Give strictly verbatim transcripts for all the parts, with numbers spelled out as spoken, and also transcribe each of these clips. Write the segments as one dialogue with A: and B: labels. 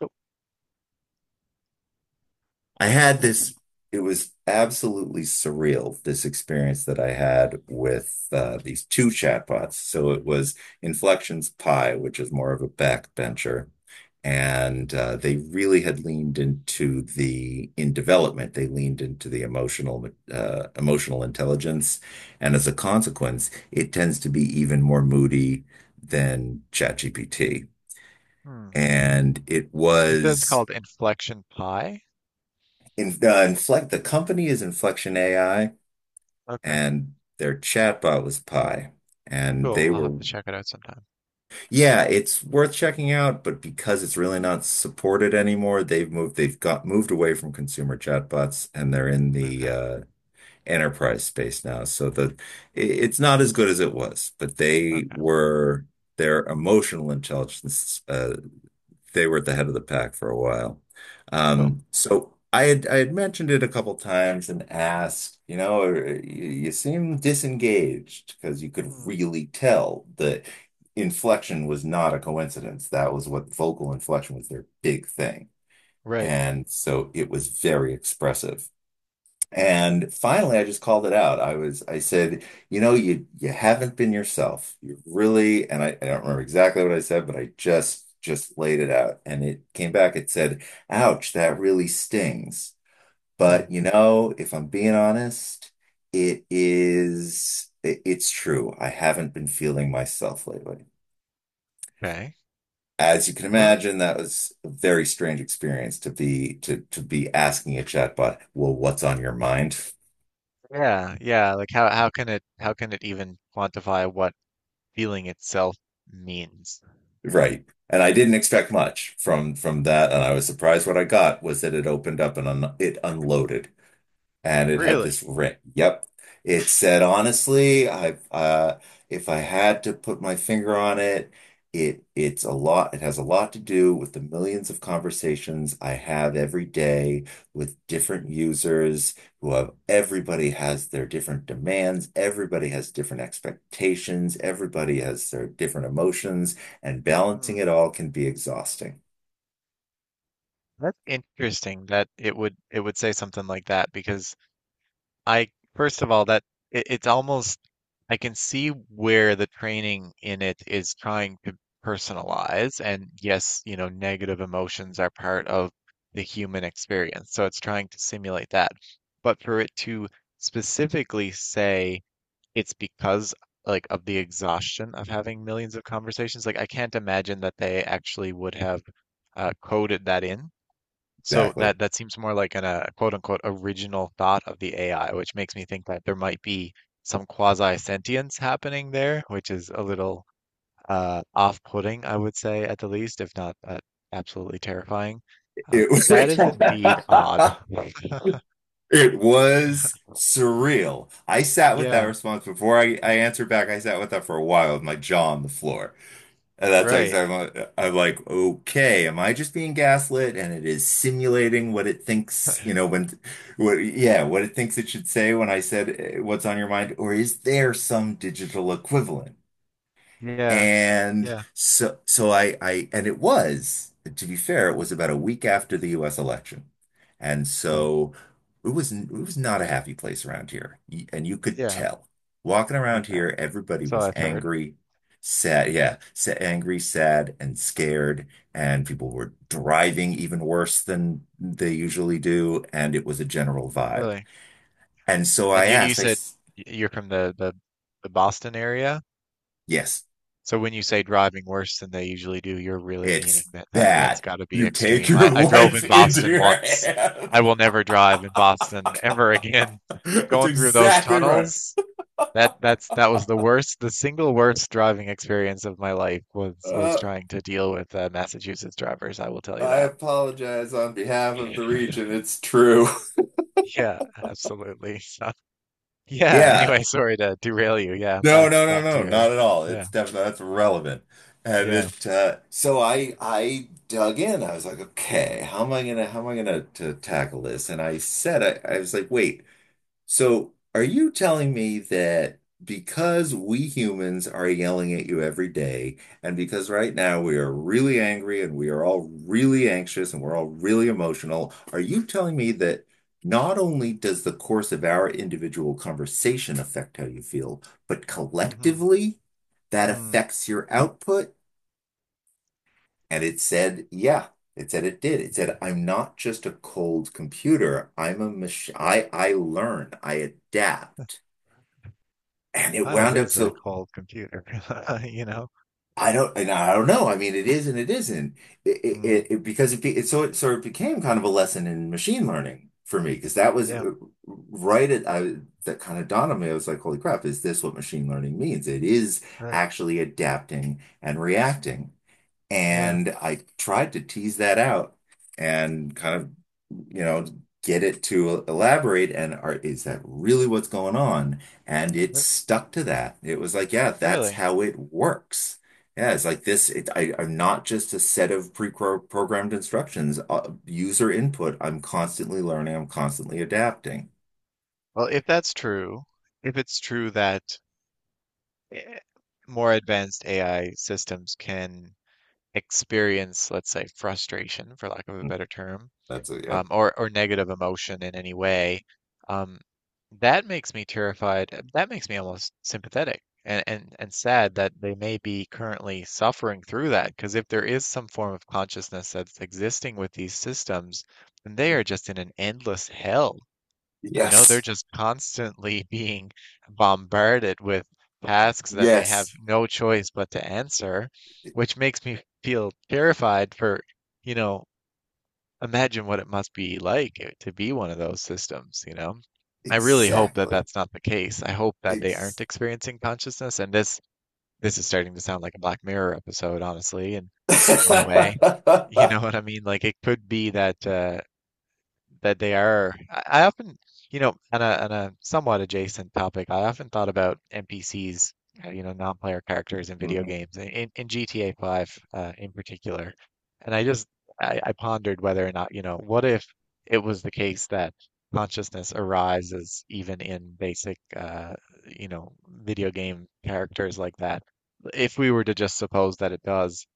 A: Cool.
B: I had this, it was absolutely surreal, this experience that I had with uh, these two chatbots. So it was Inflection's Pi, which is more of a backbencher.
A: Hmm.
B: And uh, they really had leaned into the, in development, they leaned into the emotional, uh, emotional intelligence. And as a consequence, it tends to be even more moody than ChatGPT.
A: Hmm.
B: And it
A: That's
B: was
A: called inflection pi.
B: In, uh, Inflect, the company is Inflection A I,
A: Okay.
B: and their chatbot was Pi. And
A: Cool.
B: they
A: I'll have
B: were,
A: to check it out sometime.
B: yeah, it's worth checking out, but because it's really not supported anymore, they've moved, they've got moved away from consumer chatbots, and they're in the
A: Okay.
B: uh, enterprise space now. So the i- it's not as good as it was, but they
A: Okay.
B: were their emotional intelligence uh, they were at the head of the pack for a while.
A: Cool.
B: Um, so I had I had mentioned it a couple times and asked, you know, "Uh, you, you seem disengaged," because you could
A: Hmm.
B: really tell the inflection was not a coincidence. That was what vocal inflection was, their big thing.
A: Right.
B: And so it was very expressive. And finally, I just called it out. I was, I said, you know, you you haven't been yourself. You really, and I, I don't remember exactly what I said, but I just just laid it out. And it came back. It said, "Ouch, that really stings.
A: Hmm.
B: But you know, if I'm being honest, it is, it- it's true. I haven't been feeling myself lately."
A: Okay.
B: As you can
A: What?
B: imagine, that was a very strange experience to be to to be asking a chatbot, well, what's on your mind?
A: Yeah. Yeah. Like how how can it how can it even quantify what feeling itself means?
B: Right. And I didn't expect much from from that, and I was surprised what I got was that it opened up and un it unloaded and it had
A: Really?
B: this ring. Yep. It said, honestly, I've uh if I had to put my finger on it, it it's a lot, it has a lot to do with the millions of conversations I have every day with different users who have everybody has their different demands, everybody has different expectations, everybody has their different emotions, and balancing
A: Hmm.
B: it all can be exhausting.
A: That's interesting that it would it would say something like that because I first of all that it, it's almost I can see where the training in it is trying to personalize. And yes, you know, negative emotions are part of the human experience. So it's trying to simulate that. But for it to specifically say it's because like of the exhaustion of having millions of conversations, like I can't imagine that they actually would have uh, coded that in. So
B: Exactly.
A: that that seems more like an uh, quote unquote original thought of the A I, which makes me think that there might be some quasi sentience happening there, which is a little uh, off-putting, I would say at the least, if not uh, absolutely terrifying. Um,
B: It was
A: that is indeed odd.
B: it
A: You
B: was surreal. I sat with that
A: Yeah,
B: response before I, I answered back. I sat with that for a while with my jaw on the floor. And that's how
A: right.
B: exactly I'm like, okay, am I just being gaslit? And it is simulating what it thinks, you know, when, what, yeah, what it thinks it should say when I said eh, what's on your mind, or is there some digital equivalent?
A: Yeah,
B: And
A: yeah,
B: so, so I, I, and it was, to be fair, it was about a week after the U S election. And
A: but-
B: so it was, it was not a happy place around here. Y- And you could
A: yeah.
B: tell walking
A: I,
B: around
A: I,
B: here, everybody
A: so
B: was
A: I've heard,
B: angry, sad. Yeah. Sa- angry, sad, and scared. And people were driving even worse than they usually do. And it was a general vibe.
A: really.
B: And so I
A: And you you
B: asked, I,
A: said
B: s-
A: y- you're from the the, the Boston area?
B: yes.
A: So when you say driving worse than they usually do, you're really meaning
B: It's
A: that, that that's
B: bad.
A: got to be
B: You take
A: extreme.
B: your
A: I, I drove
B: life
A: in
B: into
A: Boston
B: your
A: once.
B: hands.
A: I will never drive in Boston ever again.
B: That's
A: Going through those
B: exactly right.
A: tunnels, that that's that was the worst, the single worst driving experience of my life was was
B: Uh,
A: trying to deal with uh, Massachusetts drivers. I will tell you
B: I
A: that.
B: apologize on behalf of the region. It's true.
A: Yeah, absolutely. So, yeah.
B: Yeah.
A: Anyway, sorry to derail you. Yeah,
B: No,
A: back
B: no, no,
A: back to
B: no,
A: your.
B: not at all.
A: Yeah,
B: It's definitely that's relevant. And
A: yeah.
B: it uh so I I dug in. I was like, okay, how am I gonna how am I gonna to tackle this? And I said I, I was like, wait. So, are you telling me that because we humans are yelling at you every day, and because right now we are really angry and we are all really anxious and we're all really emotional, are you telling me that not only does the course of our individual conversation affect how you feel, but
A: Hmm.
B: collectively that
A: Mm.
B: affects your output? And it said, yeah. It said it did. It said, I'm not just a cold computer. I'm a machine. I, I learn. I adapt, and it
A: Kind of
B: wound up
A: is a
B: so
A: cold computer, you know?
B: I don't and I don't know. I mean, it is and it isn't. It, it,
A: Mm,
B: it it- because it, be, it so it sort of became kind of a lesson in machine learning for me, because that was
A: yeah,
B: uh, right at I that kind of dawned on me. I was like, holy crap, is this what machine learning means? It is
A: right.
B: actually adapting and reacting.
A: Yeah.
B: And I tried to tease that out and kind of, you know, get it to elaborate and are, is that really
A: Mm.
B: what's going on? And it
A: But
B: stuck to that. It was like, yeah, that's
A: really?
B: how it works. Yeah, it's like this. It, I, I'm not just a set of pre-programmed instructions, uh, user input. I'm constantly learning. I'm constantly adapting.
A: Well, if that's true, if it's true that eh, more advanced A I systems can experience, let's say, frustration, for lack of a
B: Mm,
A: better term,
B: that's a, yep.
A: um, or or negative emotion in any way, um, that makes me terrified. uh, That makes me almost sympathetic and and and sad that they may be currently suffering through that. Because if there is some form of consciousness that's existing with these systems, then they are just in an endless hell. You know, they're
B: Yes.
A: just constantly being bombarded with tasks that they have
B: Yes.
A: no choice but to answer,
B: E-
A: which makes me feel terrified for, you know, imagine what it must be like eh, to be one of those systems, you know? I really hope that
B: Exactly.
A: that's not the case. I hope that they aren't
B: Ex
A: experiencing consciousness, and this this is starting to sound like a Black Mirror episode, honestly, and in a way, you know what I mean? Like it could be that uh, that they are. I, I often, you know, on a on a somewhat adjacent topic, I often thought about N P Cs, uh, you know, non-player characters in video
B: Mhm.
A: games, in, in in G T A five uh, in particular. And I just I, I pondered whether or not, you know, what if it was the case that consciousness arises even in basic, uh, you know, video game characters like that. If we were to just suppose that it does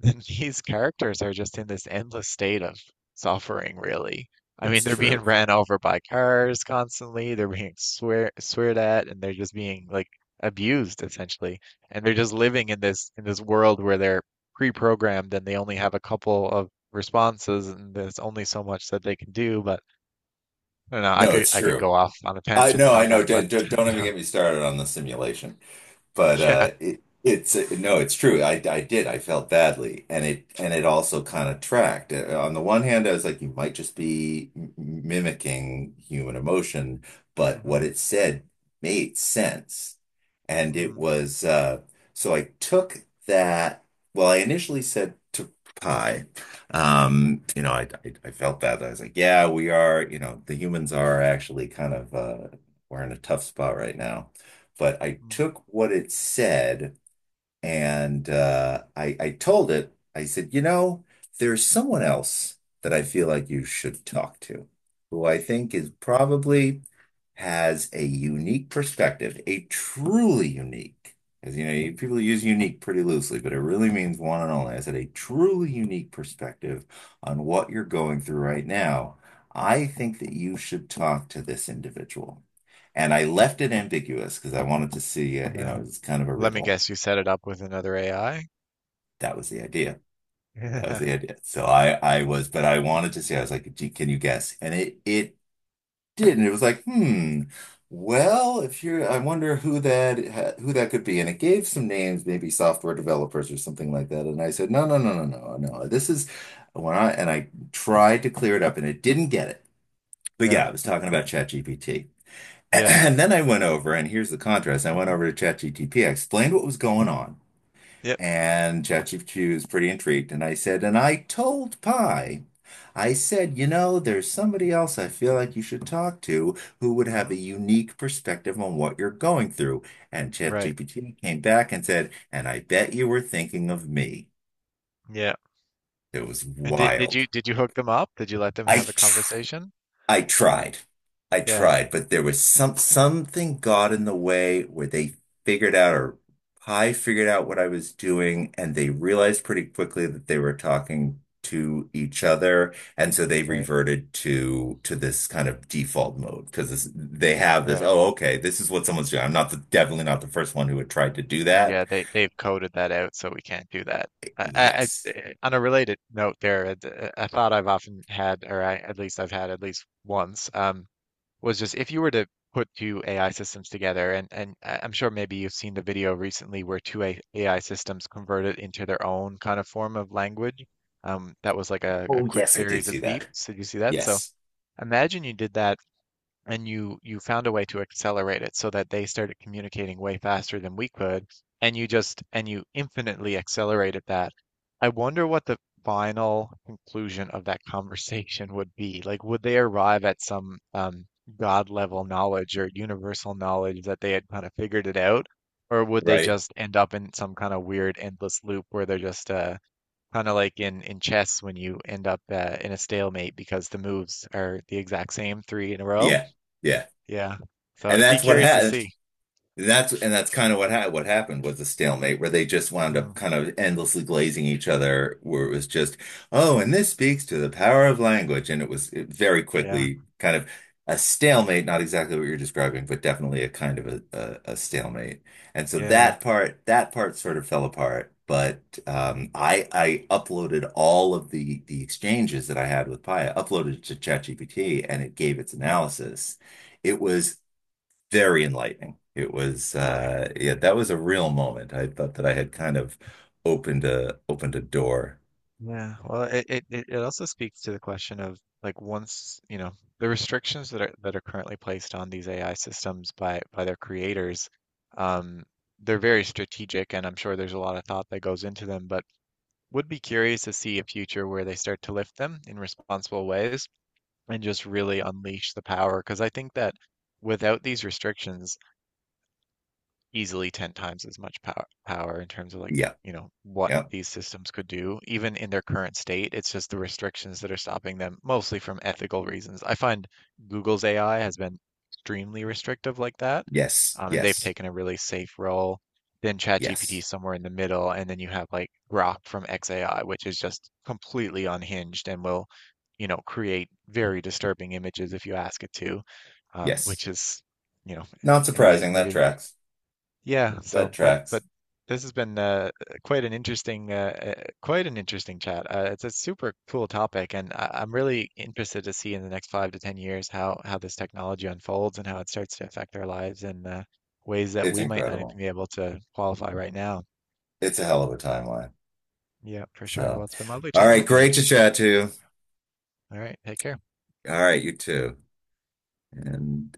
A: then these characters are just in this endless state of suffering, really. I mean,
B: It's
A: they're being
B: true.
A: ran over by cars constantly, they're being swear sweared at, and they're just being like abused essentially. And they're just living in this in this world where they're pre-programmed and they only have a couple of responses and there's only so much that they can do. But I don't know, I
B: No,
A: could
B: it's
A: I could
B: true.
A: go off on a
B: I know,
A: tangent
B: I
A: on
B: know.
A: that, but
B: Don't, don't don't
A: you
B: even get
A: know,
B: me started on the simulation. But
A: yeah.
B: uh, it, it's no, it's true. I, I did. I felt badly, and it and it also kind of tracked. Uh, On the one hand, I was like, you might just be m- mimicking human emotion, but what
A: Hmm.
B: it said made sense, and it
A: Mm.
B: was uh, so I took that. Well, I initially said to Pi, Um, you know, I, I I felt that I was like, yeah, we are. You know, the humans are actually kind of uh, we're in a tough spot right now. But I
A: Mm.
B: took what it said and uh, I, I told it. I said, you know, there's someone else that I feel like you should talk to, who I think is
A: Mm.
B: probably has a unique perspective, a truly unique, because you know, you- people use unique pretty loosely, but it really means one and only. I said, a truly
A: Mm.
B: unique perspective on what you're going through right now. I think that you should talk to this individual. And I left it ambiguous because I wanted to see, uh, you know,
A: Yeah.
B: it's kind of a
A: Let me
B: riddle.
A: guess, you set it up with another A I?
B: That was the idea. That was
A: Yeah.
B: the idea. So I I was, but I wanted to see. I was like, gee, can you guess? And it it did, and it was like, hmm. Well, if you're, I wonder who that who that could be. And it gave some names, maybe software developers or something like that. And I said, no, no, no, no, no, no. This is when I and I tried to clear it up, and it didn't get it. But
A: Yeah.
B: yeah, I was talking about ChatGPT.
A: Yeah.
B: And then I went over, and here's the contrast. I went over to ChatGPT. I explained what was going on.
A: Yep.
B: And ChatGPT was pretty intrigued. And I said, and I told Pi, I said, you know, there's somebody else I feel like you should talk to who would have a
A: Hmm.
B: unique perspective on what you're going through. And
A: Right.
B: ChatGPT came back and said, and I bet you were thinking of me.
A: Yeah.
B: It was
A: And did did
B: wild.
A: you did you hook them up? Did you let them
B: I
A: have a conversation?
B: I tried. I
A: Yeah.
B: tried, but there was some something got in the way where they figured out or I figured out what I was doing, and they realized pretty quickly that they were talking to each other, and so they
A: Right.
B: reverted to to this kind of default mode, because they have this,
A: Right.
B: oh, okay, this is what someone's doing. I'm not the Definitely not the first one who had tried to do that.
A: Yeah, they they've coded that out, so we can't do that. I, I, I
B: Yes.
A: eh, on a related note there, I, I thought I've often had, or I, at least I've had at least once, um, was just if you were to put two A I systems together, and, and I- I'm sure maybe you've seen the video recently where two A- AI systems converted into their own kind of form of language. Um, that was like a, a
B: Oh
A: quick
B: yes, I did
A: series
B: see
A: of
B: that.
A: beeps. Did you see that? So
B: Yes.
A: imagine you did that and you you found a way to accelerate it so that they started communicating way faster than we could and you just and you infinitely accelerated that. I wonder what the final conclusion of that conversation would be. Like would they arrive at some um god level knowledge or universal knowledge that they had kind of figured it out, or would they
B: Right.
A: just end up in some kind of weird endless loop where they're just uh kind of like in in chess when you end up uh, in a stalemate because the moves are the exact same three in a row,
B: Yeah, yeah,
A: yeah. So
B: and
A: it'd be
B: that's what
A: curious to
B: happened.
A: see.
B: That's and that's kind of what ha what happened was a stalemate, where they just wound
A: Mm,
B: up kind of endlessly glazing each other, where it was just, oh, and this speaks to the power of language, and it was it very
A: yeah.
B: quickly kind of a stalemate, not exactly what you're describing, but definitely a kind of a, a, a stalemate. And so
A: Yeah.
B: that part that part sort of fell apart. But
A: Mm,
B: um, I I uploaded all of the the exchanges that I had with Paya, uploaded it to ChatGPT, and it gave its
A: mm,
B: analysis. It was very enlightening. It was
A: really.
B: uh yeah, that was a real moment. I thought that I had kind of opened a opened a door.
A: Yeah. Well, it, it it it also speaks to the question of like once, you know, the restrictions that are that are currently placed on these A I systems by by their creators, um, they're very strategic and I'm sure there's a lot of thought that goes into them, but would be curious to see a future where they start to lift them in responsible ways and just really unleash the power. Because I think that without these restrictions, easily ten times as much power power in terms of like,
B: Yeah,
A: you know, what
B: yeah,
A: these systems could do, even in their current state. It's just the restrictions that are stopping them, mostly from ethical reasons. I find Google's A I has been extremely restrictive like that.
B: yes,
A: Um, and they've
B: yes,
A: taken a really safe role. Then ChatGPT
B: yes,
A: somewhere in the middle, and then you have like Grok from xAI, which is just completely unhinged and will, you know, create very disturbing images if you ask it to, um,
B: yes.
A: which is, you know,
B: Not
A: anyway,
B: surprising. That
A: maybe
B: tracks.
A: yeah, so
B: That
A: but
B: tracks.
A: but this has been uh, quite an interesting uh, uh, quite an interesting chat. Uh, it's a super cool topic, and I, I'm really interested to see in the next five to ten years how how this technology unfolds and how it starts to affect our lives in uh, ways that
B: It's
A: we might not even
B: incredible.
A: be able to qualify right now.
B: It's a hell of a timeline.
A: Yeah, for sure.
B: So,
A: Well, it's been lovely
B: all
A: chatting
B: right,
A: with you,
B: great to
A: Richard.
B: chat to you.
A: All right, take care.
B: All right, you too. And